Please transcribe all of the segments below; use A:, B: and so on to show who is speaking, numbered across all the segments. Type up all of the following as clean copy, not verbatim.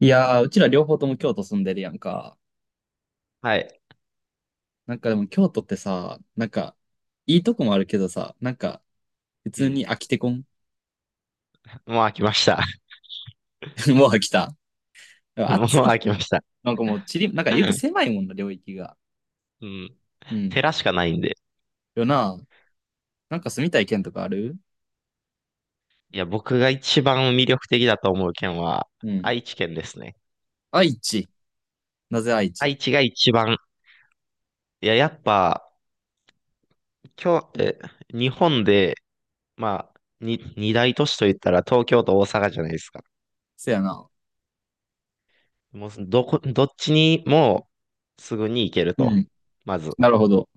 A: いやー、うちら両方とも京都住んでるやんか。
B: はい。
A: なんかでも京都ってさ、なんか、いいとこもあるけどさ、なんか、普
B: う
A: 通
B: ん。
A: に飽きてこん？
B: もう飽きました。
A: もう飽きた。でも
B: もう
A: 暑い
B: 飽
A: し。
B: きました。
A: なんかもう、なんか言うと狭 いもんな、領域が。
B: うん。
A: うん。
B: 寺しかないんで。
A: よな。なんか住みたい県とかある？
B: いや、僕が一番魅力的だと思う県は、
A: うん。
B: 愛知県ですね。
A: 愛知。なぜ愛
B: 愛
A: 知？
B: 知が一番、いや、やっぱ、今日、日本で、まあ、二大都市といったら東京と大阪じゃないですか。
A: せやな。
B: もう、どっちにもすぐに行ける
A: う
B: と。
A: ん。
B: まず。
A: なるほど。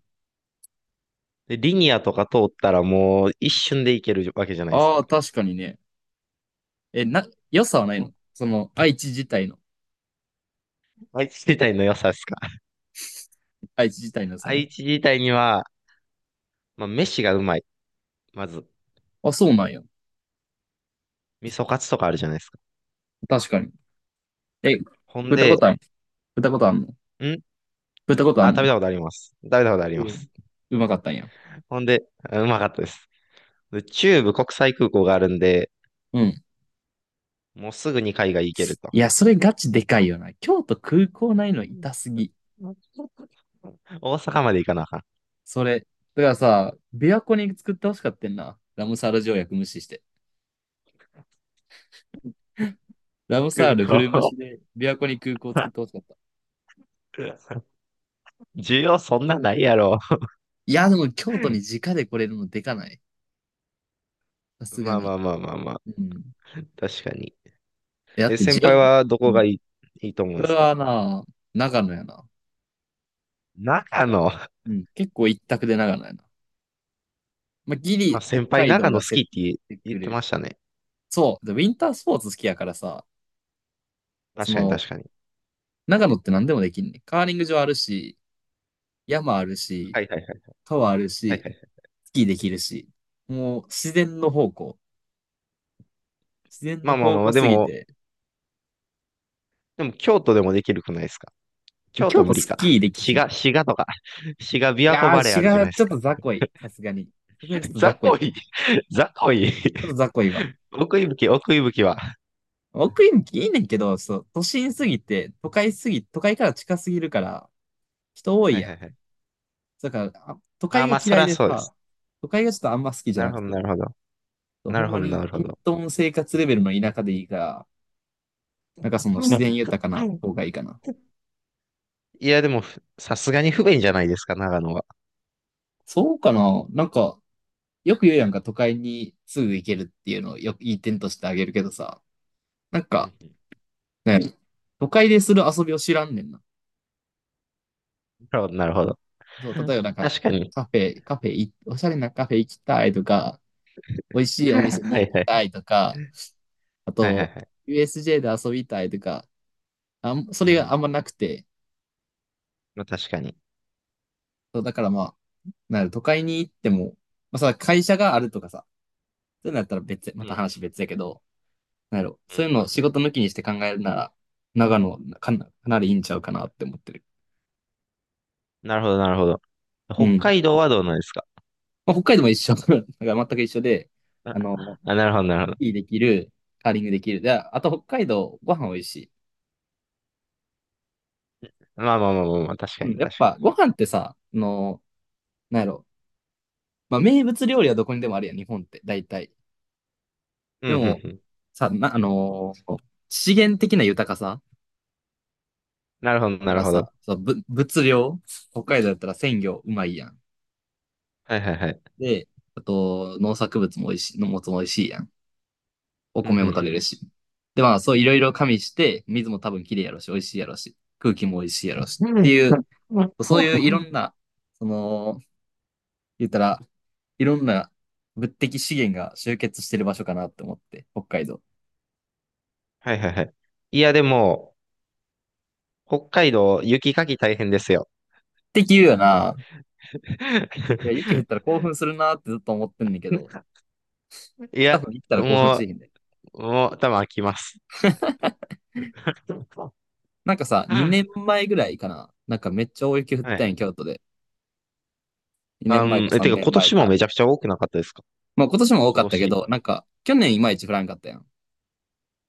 B: で、リニアとか通ったらもう一瞬で行けるわけじゃないです
A: ああ、
B: か。
A: 確かにね。良さはないの、その、愛知自体の。
B: 愛知 自体の良さですか。
A: 愛知自体の 良さね。
B: 愛知自体には、まあ、飯がうまい。まず、
A: あ、そうなんや。
B: 味噌カツとかあるじゃないですか。
A: 確かに。え、
B: ほん
A: 食った
B: で、
A: ことある？食ったことあるの？
B: ん
A: 食ったことあん
B: 食
A: の？
B: べたことあります。食べたことあ
A: う
B: りま
A: ん。
B: す。
A: うまかったんや。
B: ほんで、うまかったです。で、中部国際空港があるんで、
A: うん。
B: もうすぐに海外行けると。
A: いや、それガチでかいよな。京都空港ないの痛すぎ。
B: 大阪まで行かなあかん。
A: それ。だからさ、琵琶湖に作ってほしかったんな。ラムサール条約無視して。ラムサール古虫で琵琶湖に空港作ってほしかった。
B: 需要そんなないやろ。
A: いや、でも京都に直で来れるのでかない？さすが
B: まあ
A: に。
B: まあまあまあまあ。
A: うん。
B: 確かに。
A: えだっ
B: え、
A: て自
B: 先輩
A: 分、
B: はど
A: う
B: こが
A: ん。
B: いい、いいと思うんで
A: それ
B: すか？
A: はな、長野やな。
B: 長野。
A: うん。結構一択で長野やな。まあ、ギ
B: まあ、
A: リ北
B: 先輩
A: 海道
B: 長野好
A: が競っ
B: きって
A: て
B: 言
A: く
B: って
A: る。
B: ましたね。
A: そう。でウィンタースポーツ好きやからさ、そ
B: 確かに
A: の、
B: 確かに。
A: 長野って何でもできんね。カーリング場あるし、山あるし、
B: はいはいはい。はい
A: 川ある
B: はい
A: し、
B: はい。
A: スキーできるし。もう自然の方向。自然の
B: まあまあ
A: 方
B: ま
A: 向
B: あ、で
A: すぎ
B: も、
A: て。
B: でも京都でもできるくないですか？京
A: 京
B: 都
A: 都
B: 無理
A: ス
B: か。
A: キーでき
B: 滋
A: ひん。い
B: 賀、滋賀とか、滋賀琵琶湖
A: や
B: バレー
A: ー、
B: あるじゃ
A: 違
B: な
A: う。
B: いで
A: ち
B: す
A: ょっ
B: か。
A: と雑魚い。さすがに。さすがにちょっと
B: 雑
A: 雑魚い
B: 魚
A: わ。
B: い、雑魚い。
A: ちょっと雑魚いわ。
B: 奥伊吹は。
A: 奥行きいいねんけど、そう、都心すぎて、都会すぎ、都会から近すぎるから、人多い
B: はい
A: や
B: は
A: ん。
B: いはい。
A: だから、あ都
B: あ
A: 会
B: あ、
A: が
B: まあ、そ
A: 嫌
B: り
A: い
B: ゃ
A: で
B: そうで
A: さ、
B: す。
A: 都会がちょっとあんま好きじゃ
B: なる
A: なく
B: ほど、
A: て、
B: なるほど。
A: そう
B: な
A: ほ
B: る
A: ん
B: ほ
A: ま
B: ど、な
A: に、
B: るほ
A: 隠
B: ど。
A: 遁生活レベルの田舎でいいから、なんかその
B: う
A: 自
B: ん。
A: 然豊かな方がいいかな。
B: いや、でも、さすがに不便じゃないですか、長野は。
A: そうかな、なんか、よく言うやんか、都会にすぐ行けるっていうのをよくいい点としてあげるけどさ、なん
B: う
A: か、
B: んうん。
A: ね、都会でする遊びを知らんねんな。
B: なるほど、なるほど。
A: そう、例えばなんか、
B: 確かに。
A: カフェ、カフェい、おしゃれなカフェ行きたいとか、美味しいお店に
B: は
A: 行
B: い
A: き
B: はい。
A: たいとか、あ
B: はいはい
A: と、
B: はい。
A: USJ で遊びたいとか、あん、そ
B: うんう
A: れがあ
B: ん。
A: んまなくて、
B: まあ、確かに。
A: そう、だからまあ、なんやろ都会に行っても、まあさ、会社があるとかさ、そういうのやったら別、ま
B: うん
A: た
B: う
A: 話別やけど、なんやろ。そういう
B: ん。
A: のを仕事抜きにして考えるなら、長野かな、かなりいいんちゃうかなって思ってる。
B: なるほど、なるほど。
A: うん。
B: 北
A: ま
B: 海道はどうなんですか？
A: あ、北海道も一緒。だから 全く一緒で、
B: あ、
A: あの、
B: なるほど、なるほど。
A: いいできる、カーリングできる。で、あと北海道、ご飯美味しい。
B: まあまあまあまあまあ、確か
A: うん。
B: に
A: やっ
B: 確か
A: ぱ、ご飯ってさ、あの、なんやろ。まあ、名物料理はどこにでもあるやん、日本って、大体。
B: に。
A: で
B: うん、う
A: も、
B: ん、うん。
A: さ、な、あのー資源的な豊かさ。
B: なるほ
A: だ
B: ど、
A: か
B: なる
A: ら
B: ほど。
A: さ、そう、物量、北海道だったら鮮魚うまいやん。
B: はいはいはい。
A: で、あと、農作物も美味しい、農物も美味しいやん。お
B: うん、う
A: 米も取れ
B: ん、
A: るし。で、まあ、そういろいろ加味して、水も多分きれいやろし、美味しいやろし、空気も美味しいやろし
B: う
A: って
B: ん。
A: いう、そういうい
B: うん。
A: ろんな、その、言ったら、いろんな物的資源が集結してる場所かなって思って、北海道。っ
B: はいはいはい。いや、でも、北海道、雪かき大変ですよ。
A: て言うよな。いや、雪降ったら 興奮するなってずっと思ってんねんけど、
B: い
A: 多
B: や、
A: 分行ったら興奮
B: も
A: しへんで。
B: もう、多分飽きます。
A: なんかさ、
B: は
A: 2年前ぐらいかな。なんかめっちゃ大雪降った
B: い。
A: んや、京都で。2年前か
B: て
A: 3
B: か、
A: 年
B: 今
A: 前
B: 年も
A: か。
B: めちゃくちゃ多くなかったですか？
A: まあ今年も多か
B: 今
A: ったけ
B: 年。
A: ど、なんか去年いまいち降らんかったやん。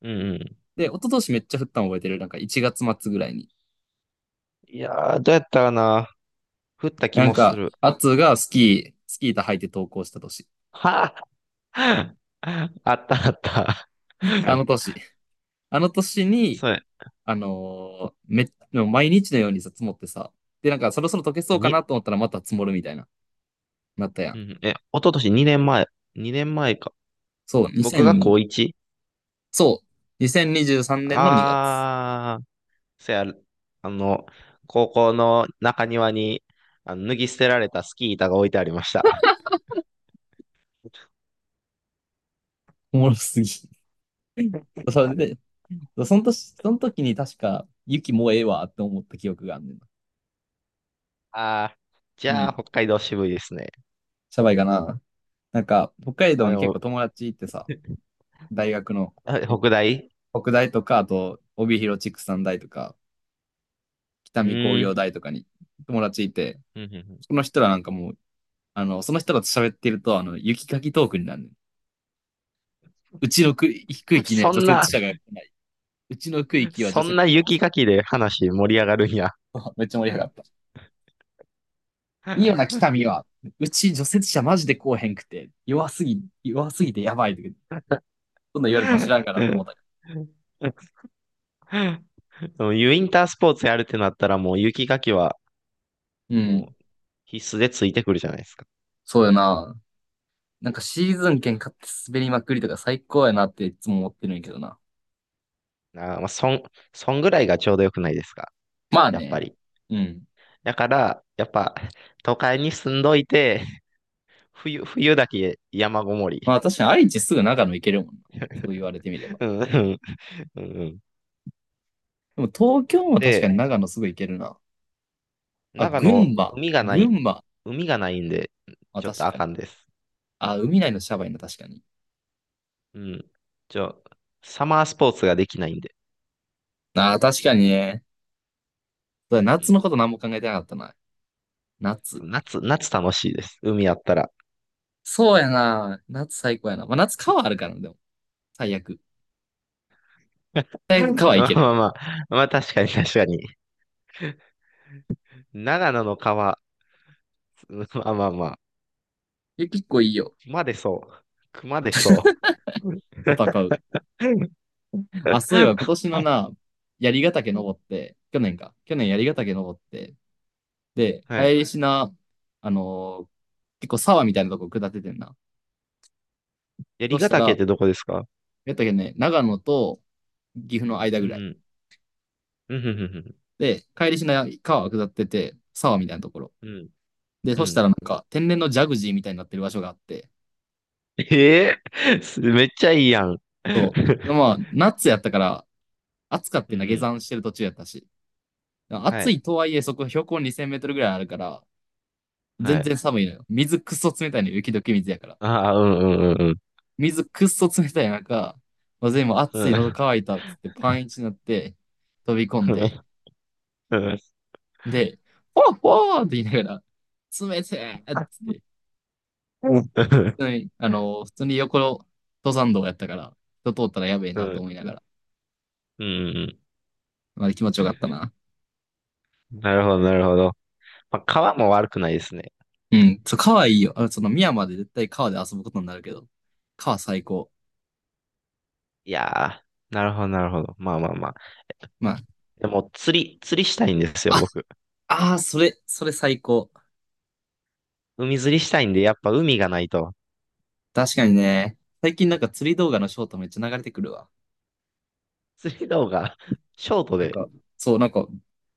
B: うんうん。
A: で、一昨年めっちゃ降ったの覚えてる。なんか1月末ぐらいに。
B: いやー、どうやったかな。降った気
A: なん
B: もす
A: か、
B: る。
A: アツがスキー、スキー板履いて登校した年。
B: はあ、あったあった。
A: あの 年。あの年に、
B: そうや。
A: あのーめも毎日のようにさ、積もってさ。で、なんかそろそろ溶けそうか
B: に、
A: なと思ったらまた積もるみたいな、なったや
B: う
A: ん。
B: ん、一昨年2年前、2年前か。
A: そう、
B: 僕が
A: 2000、
B: 高 1？
A: そう、2023年の2月。
B: あー、せや、あの、高校の中庭に、脱ぎ捨てられたスキー板が置いてありました。
A: おもろすぎ。それ
B: あ
A: で、その年、その時に確か、雪もうええわって思った記憶があんねんな。
B: あー、じ
A: う
B: ゃあ、
A: ん。
B: 北海道渋いですね。
A: シャバいかな。なんか、北海道
B: あ
A: に結
B: の、
A: 構友達ってさ、大学の、
B: 北大。
A: 北大とか、あと帯広畜産大とか、北
B: う
A: 見工
B: ー
A: 業
B: ん。
A: 大とかに友達いて、
B: うんうんうん。
A: その人らなんかもう、あの、その人らと喋ってると、あの、雪かきトークになるねん。うちの区域ね、
B: そ
A: 除
B: ん
A: 雪
B: な、
A: 車が来ない。うちの区域は除
B: そん
A: 雪
B: な
A: 車多
B: 雪
A: そ
B: かきで話盛り上がるんや。
A: う。 めっちゃ盛り上が った。いいよな、北見は。うち除雪車マジで来おへんくて、弱すぎ、弱すぎてやばいとか、そんなん言われても知らんからと思ったけ
B: でもウィンタースポーツやるってなったらもう雪かきは
A: ど、う
B: も
A: ん、
B: う必須でついてくるじゃないですか。
A: そうやな。なんかシーズン券買って滑りまくりとか最高やなっていつも思ってるんやけどな。
B: なあまあ、そんぐらいがちょうどよくないですか？
A: まあ
B: やっぱ
A: ね。
B: り。
A: うん。
B: だから、やっぱ、都会に住んどいて、冬だけ山ごもり。
A: まあ確かに愛知すぐ長野行けるもんな。そう言われてみれば。
B: うんうん。うんうん。
A: でも東京
B: ほん
A: も確か
B: で、
A: に長野すぐ行けるな。あ、
B: 長
A: 群
B: 野、
A: 馬。
B: 海がな
A: 群
B: い、
A: 馬。
B: 海がないんで、
A: まあ、
B: ちょっ
A: 確
B: とあ
A: かに。
B: かんです。
A: あ、海内のシャバいな、確かに。
B: うん。ちょ、サマースポーツができないんで。
A: あ、確かにね。そ
B: う
A: うだ、
B: んう
A: 夏の
B: ん。
A: こと何も考えてなかったな。
B: そ
A: 夏。
B: う、夏楽しいです。海あったら。
A: そうやな。夏最高やな。まあ夏川あるからな、でも。最悪。最悪 川行
B: ま
A: け
B: あ
A: る。
B: まあまあ、まあ確かに確かに。長野の川、まあまあま
A: え、結構いいよ。
B: 熊出そう。熊出そう。
A: 戦 う。あ、そういえば今年のな、槍ヶ岳登って、去年か。去年槍ヶ岳登って、で、帰
B: はい。
A: りしな、あのー結構沢みたいなとこ下っててんな。そ
B: 槍
A: し
B: ヶ
A: た
B: 岳っ
A: ら、
B: てどこですか？
A: やったっけね、長野と岐阜の間
B: う
A: ぐらい。
B: んうん。うん、
A: で、帰りしな川下ってて、沢みたいなところ。
B: うん、うん、
A: で、そしたらなんか、天然のジャグジーみたいになってる場所があって、
B: ええすめっちゃいいやん。
A: そう。まあ、夏やったから、暑かっ
B: う
A: て
B: ん、
A: な、下
B: うん。
A: 山してる途中やったし。
B: は
A: 暑
B: い、
A: いとはいえ、そこ標高2000メートルぐらいあるから、
B: は
A: 全
B: い。
A: 然寒いのよ。水くっそ冷たいのよ、雪解け水やから。
B: ああ、うん、うん、うん、
A: 水くっそ冷たい中、まあ、全部
B: う
A: 熱い、喉
B: ん。
A: 乾いたっつってパンイチになって飛び込んで、
B: うん、うん。
A: で、ほーほーって言いながら、冷てーっつっ
B: あ
A: て、
B: うん、
A: 普通に、あの、普通に横の登山道やったから、人通ったらやべえ
B: うん、
A: な
B: う
A: と
B: ん。
A: 思いながら、
B: うん。
A: まあ、気持ちよかったな。
B: なるほど、なるほど。まあ、川も悪くないですね。
A: うん、そう、川いいよ。あのその、宮まで絶対川で遊ぶことになるけど、川最高。
B: いやー、なるほど、なるほど。まあまあまあ。
A: ま
B: でも、釣りしたいんですよ、
A: あ、
B: 僕。
A: あ、あーそれ、それ最高。
B: 海釣りしたいんで、やっぱ海がないと。
A: 確かにね、最近なんか釣り動画のショートめっちゃ流れてくるわ。
B: 釣り動画 ショート
A: なん
B: で。
A: か、そう、なんか、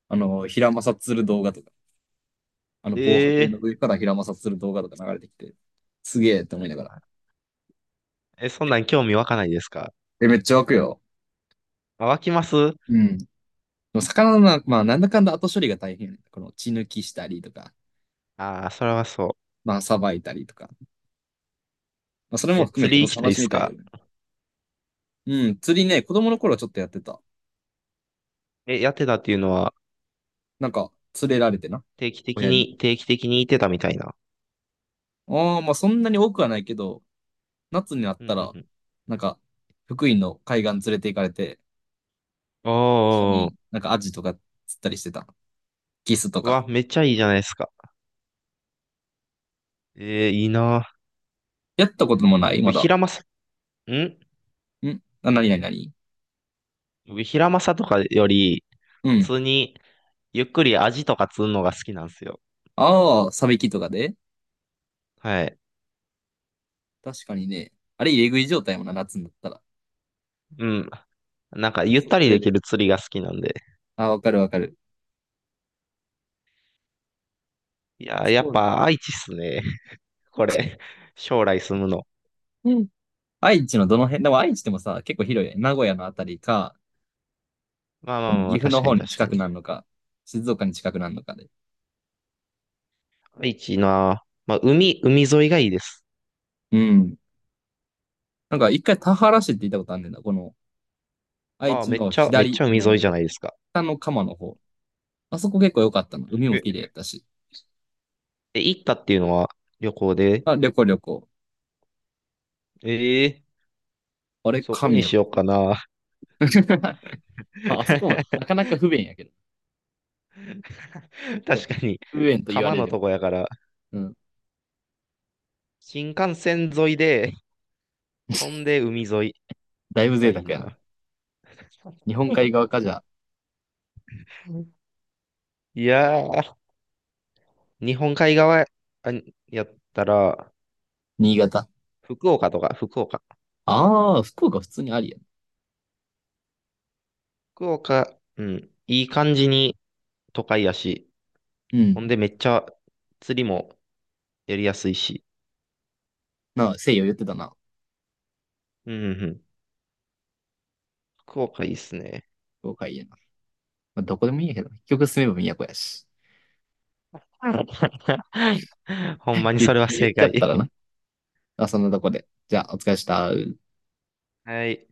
A: あの、平正する動画とか、あの、防波堤の
B: ええ
A: 上から平正する動画とか流れてきて、すげえって思いながら。
B: え、そんなん興味湧かないですか？
A: え、めっちゃ湧くよ。
B: 湧きます？
A: うん。でも魚のな、まあ、なんだかんだ後処理が大変やね。この血抜きしたりとか、
B: ああー、それはそ
A: まあ、さばいたりとか。まあ、それ
B: う。
A: も
B: え、
A: 含め
B: 釣
A: ての
B: り行きた
A: 楽
B: いっ
A: し
B: す
A: みたいけ
B: か？
A: どね。うん、釣りね、子供の頃はちょっとやってた。
B: え、やってたっていうのは、
A: なんか、釣れられてな、
B: 定期的
A: 親に。
B: に、定期的に行ってたみたいな。
A: ああ、まあ、そんなに多くはないけど、夏になっ
B: うんう
A: た
B: んう
A: ら、
B: ん。
A: なんか、福井の海岸連れて行かれて、一緒
B: お
A: に
B: ー、
A: なんかアジとか釣ったりしてた。キスと
B: う
A: か。
B: わ、めっちゃいいじゃないですか。えー、いいな。
A: やったこともないま
B: 僕、ヒ
A: だ。
B: ラマサ、ん
A: んあ、なになになに？
B: 僕、ヒラマサとかより、
A: う
B: 普
A: ん。
B: 通に、ゆっくりアジとか釣るのが好きなんですよ。
A: ああ、サビキとかで？
B: はい。
A: 確かにね。あれ、入れ食い状態もな、夏になったら。
B: うん。なんか、ゆっ
A: そう
B: たり
A: 釣
B: で
A: れ
B: き
A: る。
B: る釣りが好きなんで。
A: あ、わかるわかる。
B: いやー、や
A: そ
B: っ
A: う。
B: ぱ愛知っすね。これ。将来住むの。
A: うん。愛知のどの辺、でも愛知でもさ、結構広いね。名古屋のあたりか、
B: まあ
A: こ
B: まあ
A: の
B: まあ
A: 岐
B: まあ、
A: 阜の
B: 確か
A: 方
B: に
A: に
B: 確か
A: 近く
B: に。
A: なるのか、静岡に近くなるのかで。
B: 愛知な。まあ、海沿いがいいです。
A: うん。なんか一回田原市って言ったことあるんだよな。この愛
B: ああ、
A: 知
B: めっ
A: の
B: ちゃ、めっち
A: 左、
B: ゃ
A: あ
B: 海沿い
A: の、
B: じゃないですか。
A: 北の鎌の方。あそこ結構良かったの。海も綺麗
B: え、
A: やったし。
B: え行ったっていうのは？旅行で。
A: あ、旅行旅行。
B: ええ、
A: あれ、
B: そこ
A: 神
B: に
A: や。
B: しようかな。
A: まあ、あそこもな かなか不便やけど。そう、
B: 確かに。
A: 不便と言わ
B: 釜
A: れ
B: の
A: れば。
B: とこやから、
A: うん。
B: 新幹線沿いで、ほん で海沿い
A: だいぶ
B: が
A: 贅
B: いい
A: 沢やな。
B: な。
A: 日本海側かじゃあ、
B: いやー、日本海側あやったら、
A: 新潟。
B: 福岡とか、福岡
A: ああ、福岡普通にありやな。
B: 福岡、うん、いい感じに都会やし、
A: う
B: ほん
A: ん。
B: でめっちゃ釣りもやりやすいし、
A: なあ、西洋言ってたな。
B: うんうんうん、福岡いいっすね。
A: 福岡いいやな。まあ、どこでもいいやけど、結局住めば都やし。
B: ほんまにそれは
A: 言
B: 正
A: っちゃ
B: 解。
A: ったらな。あ、そんなとこで。じゃあ、お疲れした。
B: はい。